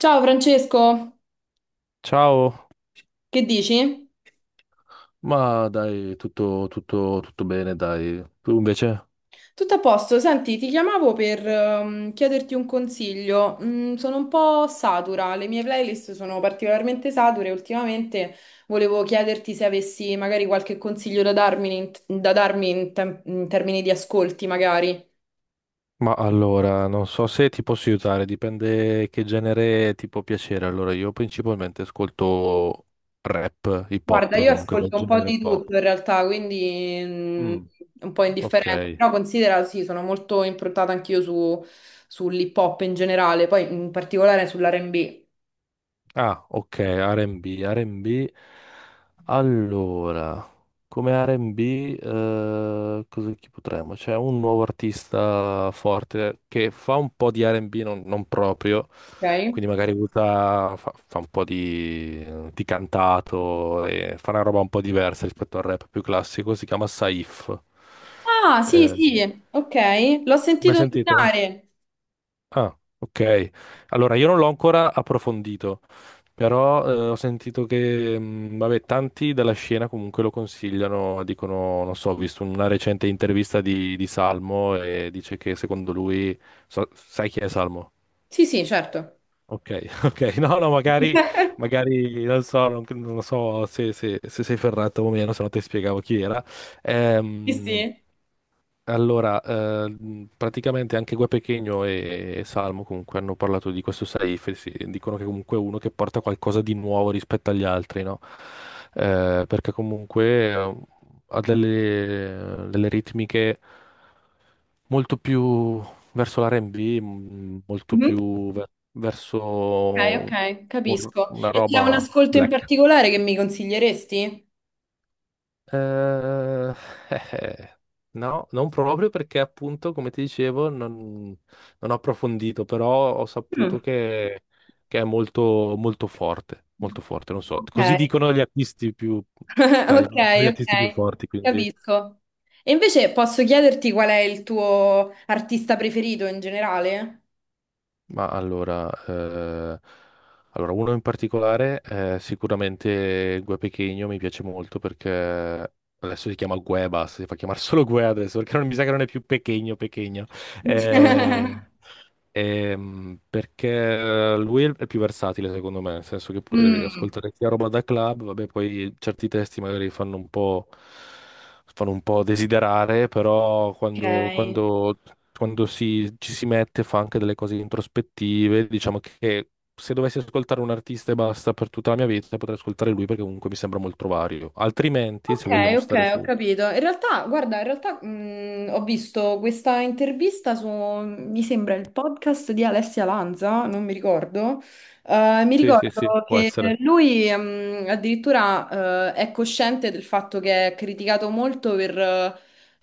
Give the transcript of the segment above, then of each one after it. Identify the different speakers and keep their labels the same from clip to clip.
Speaker 1: Ciao Francesco,
Speaker 2: Ciao,
Speaker 1: che dici?
Speaker 2: ma dai, tutto, tutto, tutto bene, dai. Tu invece?
Speaker 1: Tutto a posto, senti, ti chiamavo per chiederti un consiglio. Sono un po' satura, le mie playlist sono particolarmente sature. Ultimamente volevo chiederti se avessi magari qualche consiglio da darmi da darmi in termini di ascolti, magari.
Speaker 2: Ma allora, non so se ti posso aiutare, dipende che genere ti può piacere. Allora, io principalmente ascolto rap, hip
Speaker 1: Guarda,
Speaker 2: hop,
Speaker 1: io
Speaker 2: comunque quel
Speaker 1: ascolto un po'
Speaker 2: genere un
Speaker 1: di
Speaker 2: po'.
Speaker 1: tutto in realtà, quindi
Speaker 2: Mm,
Speaker 1: un po' indifferente,
Speaker 2: ok.
Speaker 1: però considera, sì, sono molto improntata anch'io sull'hip hop in generale, poi in particolare sull'R&B.
Speaker 2: Ah, ok, R&B, R&B. Allora, come R&B, cosa chi potremmo? C'è un nuovo artista forte che fa un po' di R&B, non proprio,
Speaker 1: Ok.
Speaker 2: quindi magari usa, fa un po' di, cantato, e fa una roba un po' diversa rispetto al rap più classico, si chiama Saif.
Speaker 1: Ah, sì,
Speaker 2: Eh,
Speaker 1: sì, ok. L'ho
Speaker 2: Mai
Speaker 1: sentito
Speaker 2: sentito?
Speaker 1: nominare.
Speaker 2: Ah, ok. Allora, io non l'ho ancora approfondito, però ho sentito che, vabbè, tanti della scena comunque lo consigliano, dicono, non so, ho visto una recente intervista di, Salmo, e dice che secondo lui, sai chi è Salmo?
Speaker 1: Sì, sì, certo.
Speaker 2: Ok, ok, no, no, magari, non so se sei ferrato o meno, se no ti spiegavo chi era.
Speaker 1: Sì,
Speaker 2: Ehm,
Speaker 1: sì.
Speaker 2: allora, praticamente anche Gue Pequeno e, Salmo comunque hanno parlato di questo Saif, dicono che comunque è uno che porta qualcosa di nuovo rispetto agli altri, no? Perché comunque ha delle, ritmiche molto più verso l'R&B, molto
Speaker 1: Mhm.
Speaker 2: più
Speaker 1: Ok,
Speaker 2: verso
Speaker 1: ok, capisco.
Speaker 2: una
Speaker 1: E c'è un
Speaker 2: roba
Speaker 1: ascolto in
Speaker 2: black.
Speaker 1: particolare che mi consiglieresti?
Speaker 2: Eh, eh, eh. No, non proprio perché appunto, come ti dicevo, non ho approfondito, però ho
Speaker 1: Mm.
Speaker 2: saputo che, è molto, molto forte, non so.
Speaker 1: Ok,
Speaker 2: Così dicono gli artisti più,
Speaker 1: ok,
Speaker 2: gli artisti più
Speaker 1: ok,
Speaker 2: forti, quindi.
Speaker 1: capisco. E invece posso chiederti qual è il tuo artista preferito in generale?
Speaker 2: Ma allora, allora, uno in particolare, sicuramente Gue Pequeno mi piace molto perché adesso si chiama Gue, basta, si fa chiamare solo Gue adesso perché non mi sa che non è più Pequeno, Pequeno. Eh, Perché lui è il è più versatile, secondo me, nel senso che puoi
Speaker 1: Mm,
Speaker 2: ascoltare sia roba da club, vabbè, poi certi testi magari fanno un po', desiderare, però quando,
Speaker 1: ok,
Speaker 2: ci si mette fa anche delle cose introspettive. Diciamo che se dovessi ascoltare un artista e basta per tutta la mia vita, potrei ascoltare lui perché comunque mi sembra molto vario. Altrimenti,
Speaker 1: ok,
Speaker 2: se vogliamo
Speaker 1: ok,
Speaker 2: stare
Speaker 1: ho
Speaker 2: su...
Speaker 1: capito. In realtà, guarda, in realtà ho visto questa intervista su, mi sembra, il podcast di Alessia Lanza, non mi ricordo. Mi
Speaker 2: Sì, sì, sì,
Speaker 1: ricordo
Speaker 2: può
Speaker 1: che
Speaker 2: essere.
Speaker 1: lui addirittura è cosciente del fatto che è criticato molto per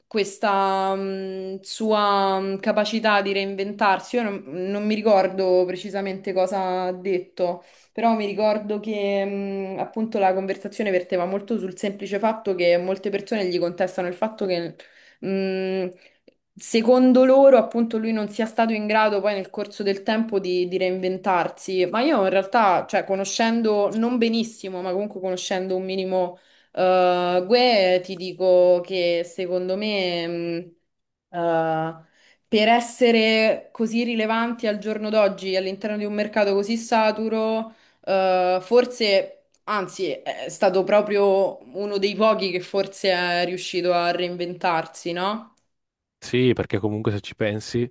Speaker 1: questa sua capacità di reinventarsi. Io non mi ricordo precisamente cosa ha detto, però mi ricordo che appunto la conversazione verteva molto sul semplice fatto che molte persone gli contestano il fatto che mh, secondo loro appunto lui non sia stato in grado poi nel corso del tempo di reinventarsi, ma io in realtà, cioè conoscendo non benissimo, ma comunque conoscendo un minimo Gue, ti dico che secondo me... mh, eh, per essere così rilevanti al giorno d'oggi all'interno di un mercato così saturo, forse, anzi, è stato proprio uno dei pochi che forse è riuscito a reinventarsi, no?
Speaker 2: Sì, perché comunque se ci pensi,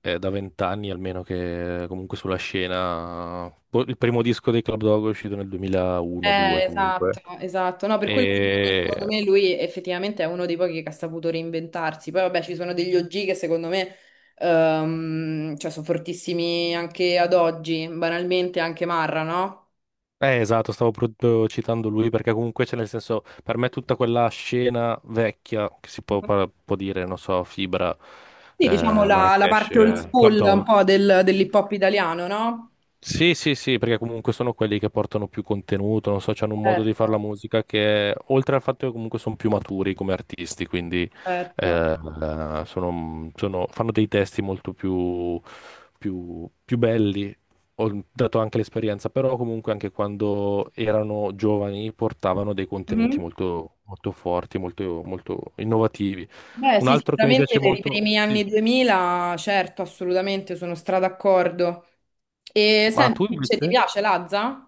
Speaker 2: è da vent'anni almeno che comunque sulla scena. Boh, il primo disco dei Club Dog è uscito nel 2001-2 comunque.
Speaker 1: Esatto, esatto. No, per quello ti dico che secondo
Speaker 2: E.
Speaker 1: me lui effettivamente è uno dei pochi che ha saputo reinventarsi. Poi vabbè, ci sono degli OG che secondo me cioè, sono fortissimi anche ad oggi, banalmente anche Marra, no?
Speaker 2: Esatto, stavo proprio citando lui perché comunque c'è nel senso, per me tutta quella scena vecchia, che si può, può dire, non so, Fibra,
Speaker 1: Sì, diciamo la
Speaker 2: Marracash,
Speaker 1: parte old
Speaker 2: Club
Speaker 1: school un
Speaker 2: Dog.
Speaker 1: po' dell'hip hop italiano, no?
Speaker 2: Sì, sì, sì, perché comunque sono quelli che portano più contenuto, non so, hanno un modo di fare la
Speaker 1: Certo,
Speaker 2: musica che, oltre al fatto che comunque sono più maturi come artisti, quindi
Speaker 1: certo.
Speaker 2: eh, fanno dei testi molto più belli, ho dato anche l'esperienza, però comunque anche quando erano giovani portavano dei contenuti
Speaker 1: Mhm.
Speaker 2: molto, molto forti, molto, molto innovativi.
Speaker 1: Beh,
Speaker 2: Un
Speaker 1: sì,
Speaker 2: altro che mi
Speaker 1: sicuramente
Speaker 2: piace
Speaker 1: per i
Speaker 2: molto.
Speaker 1: primi anni
Speaker 2: Sì.
Speaker 1: 2000, certo, assolutamente, sono stra d'accordo. E
Speaker 2: Ma tu
Speaker 1: senti, invece ti
Speaker 2: invece?
Speaker 1: piace Lazza?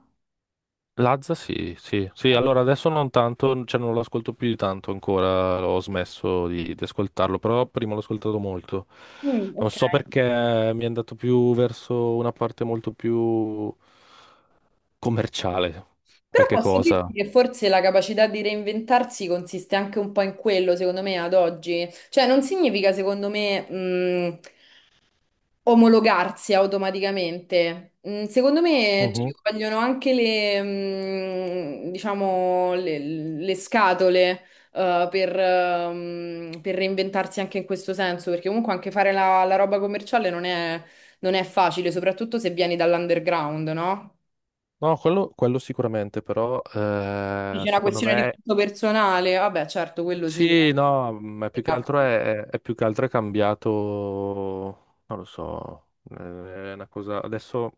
Speaker 2: Lazza sì, sì, sì, allora adesso non tanto, cioè non lo ascolto più di tanto ancora, ho smesso di, ascoltarlo, però prima l'ho ascoltato molto.
Speaker 1: Mm,
Speaker 2: Non
Speaker 1: ok.
Speaker 2: so perché mi è andato più verso una parte molto più commerciale,
Speaker 1: Però
Speaker 2: qualche
Speaker 1: posso dirti
Speaker 2: cosa.
Speaker 1: che forse la capacità di reinventarsi consiste anche un po' in quello, secondo me, ad oggi. Cioè, non significa, secondo me, omologarsi automaticamente. Mm, secondo me ci
Speaker 2: Mhm.
Speaker 1: vogliono anche diciamo, le scatole, per reinventarsi anche in questo senso, perché comunque anche fare la roba commerciale non è, non è facile, soprattutto se vieni dall'underground, no?
Speaker 2: No, quello sicuramente, però
Speaker 1: Sì, c'è una
Speaker 2: secondo
Speaker 1: questione di
Speaker 2: me.
Speaker 1: gusto personale, vabbè, certo, quello sì,
Speaker 2: Sì, no, ma
Speaker 1: mi
Speaker 2: più che altro
Speaker 1: capita.
Speaker 2: è, è più che altro è cambiato, non lo so, è una cosa, adesso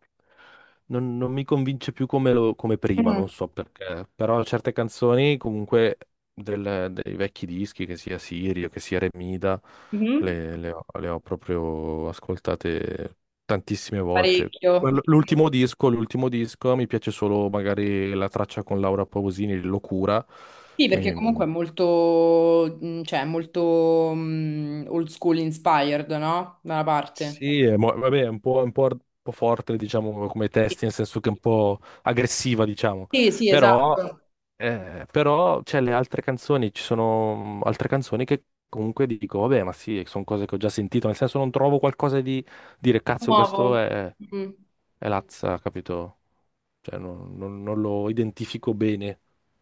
Speaker 2: non mi convince più come, come prima, non
Speaker 1: Mm.
Speaker 2: so perché, però certe canzoni comunque dei vecchi dischi, che sia Sirio, che sia Remida,
Speaker 1: Mhm.
Speaker 2: le ho, proprio ascoltate tantissime volte.
Speaker 1: Parecchio.
Speaker 2: L'ultimo disco, mi piace solo magari la traccia con Laura Pausini, Locura,
Speaker 1: Sì,
Speaker 2: che
Speaker 1: perché
Speaker 2: mi,
Speaker 1: comunque è molto, cioè, è molto old school inspired, no? Da una parte.
Speaker 2: Sì, vabbè, è un po' forte, diciamo, come
Speaker 1: Sì,
Speaker 2: testi, nel senso che è un po' aggressiva, diciamo.
Speaker 1: sì, sì,
Speaker 2: Però,
Speaker 1: esatto.
Speaker 2: però c'è le altre canzoni, ci sono altre canzoni che comunque dico, vabbè, ma sì, sono cose che ho già sentito, nel senso non trovo qualcosa di dire, cazzo,
Speaker 1: Nuovo.
Speaker 2: questo è,
Speaker 1: Mm,
Speaker 2: Lazza, capito? Cioè, non lo identifico bene,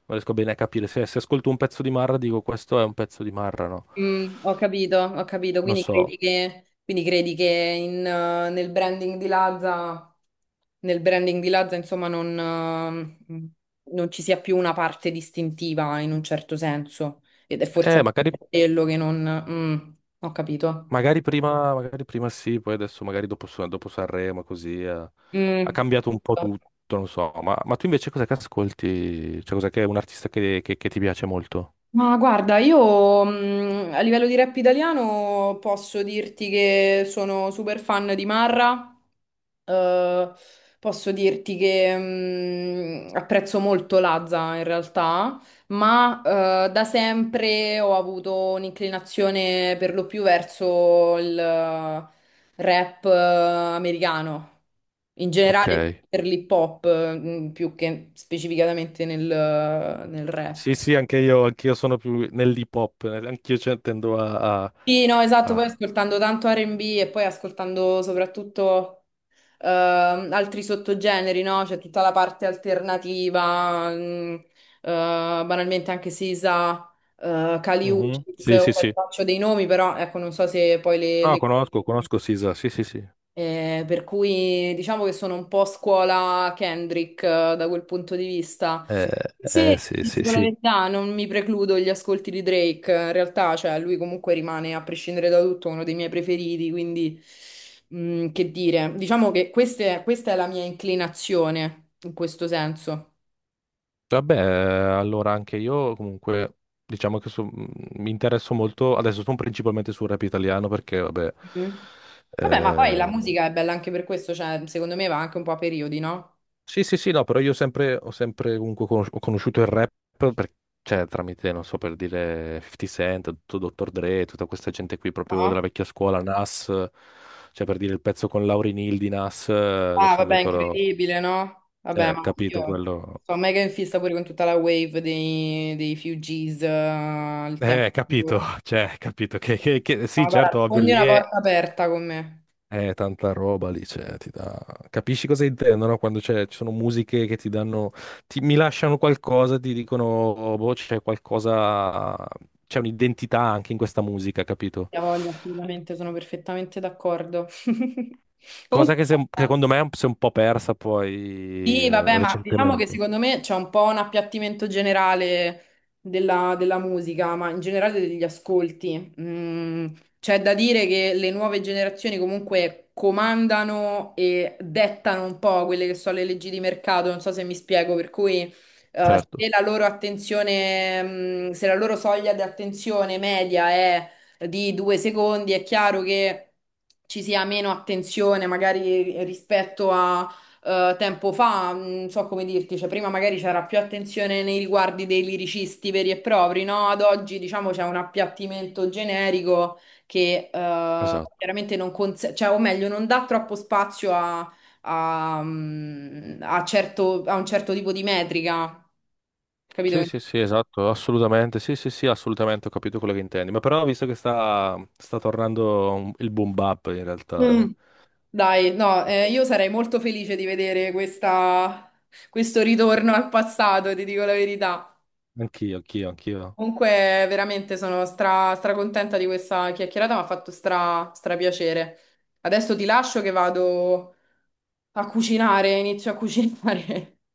Speaker 2: non riesco bene a capire. Se ascolto un pezzo di Marra, dico, questo è un pezzo di Marra, no?
Speaker 1: ho capito, ho capito.
Speaker 2: Non
Speaker 1: Quindi
Speaker 2: so.
Speaker 1: credi quindi credi che nel branding di Lazza, nel branding di Lazza, insomma, eh, mm, non ci sia più una parte distintiva in un certo senso. Ed è forse
Speaker 2: Eh, magari...
Speaker 1: quello che non... mm, ho capito.
Speaker 2: Magari prima, sì, poi adesso magari dopo, dopo Sanremo così ha
Speaker 1: Mm.
Speaker 2: cambiato un po' tutto, non so. Ma tu invece cosa che ascolti? Cioè cosa che è un artista che ti piace molto?
Speaker 1: Ma guarda, io a livello di rap italiano posso dirti che sono super fan di Marra, eh, posso dirti che apprezzo molto Lazza in realtà, ma da sempre ho avuto un'inclinazione per lo più verso il rap americano, in
Speaker 2: Ok.
Speaker 1: generale per l'hip hop, più che specificatamente nel rap.
Speaker 2: Sì, sì, anch'io sono più nell'hip hop, anch'io cioè, tendo a... a-
Speaker 1: Sì, no, esatto, poi
Speaker 2: a-
Speaker 1: ascoltando tanto R&B e poi ascoltando soprattutto altri sottogeneri, no? C'è tutta la parte alternativa, banalmente anche Sisa, Kali
Speaker 2: Mhm.
Speaker 1: Uchis,
Speaker 2: Sì, sì,
Speaker 1: ora
Speaker 2: sì.
Speaker 1: faccio dei nomi, però ecco, non so se poi
Speaker 2: Ah, conosco Sisa, sì, sì, sì.
Speaker 1: per cui diciamo che sono un po' scuola Kendrick da quel punto di vista.
Speaker 2: Eh,
Speaker 1: Sì,
Speaker 2: sì,
Speaker 1: ti
Speaker 2: sì,
Speaker 1: dico la
Speaker 2: sì.
Speaker 1: verità, non mi precludo gli ascolti di Drake, in realtà, cioè, lui comunque rimane, a prescindere da tutto, uno dei miei preferiti, quindi, che dire, diciamo che questa è la mia inclinazione, in questo senso.
Speaker 2: Vabbè, allora anche io comunque diciamo che mi interesso molto, adesso sono principalmente sul rap italiano perché vabbè,
Speaker 1: Mhm. Vabbè, ma poi la
Speaker 2: eh,
Speaker 1: musica è bella anche per questo, cioè, secondo me va anche un po' a periodi, no?
Speaker 2: sì sì sì no, però ho sempre comunque ho conosciuto il rap per- cioè, tramite, non so, per dire 50 Cent, tutto Dr. Dre, tutta questa gente qui proprio
Speaker 1: No?
Speaker 2: della vecchia scuola, Nas, cioè per dire il pezzo con Lauryn Hill di Nas,
Speaker 1: Ah,
Speaker 2: adesso non mi
Speaker 1: vabbè,
Speaker 2: ricordo,
Speaker 1: incredibile, no? Vabbè,
Speaker 2: cioè
Speaker 1: ma
Speaker 2: capito
Speaker 1: io
Speaker 2: quello.
Speaker 1: sono mega in fissa pure con tutta la wave dei Fugees, il tempo.
Speaker 2: Capito, cioè, capito
Speaker 1: No,
Speaker 2: sì,
Speaker 1: guarda,
Speaker 2: certo, ovvio,
Speaker 1: sfondi
Speaker 2: lì
Speaker 1: una
Speaker 2: è,
Speaker 1: porta aperta con me.
Speaker 2: Tanta roba lì, cioè, ti dà. Capisci cosa intendono quando ci sono musiche che ti danno... mi lasciano qualcosa, ti dicono, "Oh, boh, c'è qualcosa... c'è un'identità anche in questa musica, capito?
Speaker 1: Ti voglio, assolutamente, sono perfettamente d'accordo.
Speaker 2: Cosa
Speaker 1: Comunque,
Speaker 2: che, che secondo me si è un po' persa poi
Speaker 1: sì, vabbè, ma diciamo che
Speaker 2: recentemente.
Speaker 1: secondo me c'è un po' un appiattimento generale della musica, ma in generale degli ascolti. Mm, c'è da dire che le nuove generazioni comunque comandano e dettano un po' quelle che sono le leggi di mercato, non so se mi spiego, per cui
Speaker 2: Certo,
Speaker 1: se la loro attenzione, se la loro soglia di attenzione media è di 2 secondi, è chiaro che ci sia meno attenzione magari rispetto a tempo fa, non so come dirti, cioè prima magari c'era più attenzione nei riguardi dei liricisti veri e propri, no? Ad oggi diciamo c'è un appiattimento generico che
Speaker 2: esatto.
Speaker 1: chiaramente non cons- cioè, o meglio, non dà troppo spazio a a un certo tipo di metrica, capito?
Speaker 2: Sì, sì, sì, esatto, assolutamente, sì, sì, sì, assolutamente, ho capito quello che intendi. Ma però ho visto che sta, tornando il boom bap in realtà,
Speaker 1: Mm.
Speaker 2: eh.
Speaker 1: Dai, no, io sarei molto felice di vedere questo ritorno al passato, ti dico la verità.
Speaker 2: Anch'io, anch'io, anch'io.
Speaker 1: Comunque, veramente sono stra, contenta di questa chiacchierata, mi ha fatto stra, stra piacere. Adesso ti lascio che vado a cucinare, inizio a cucinare.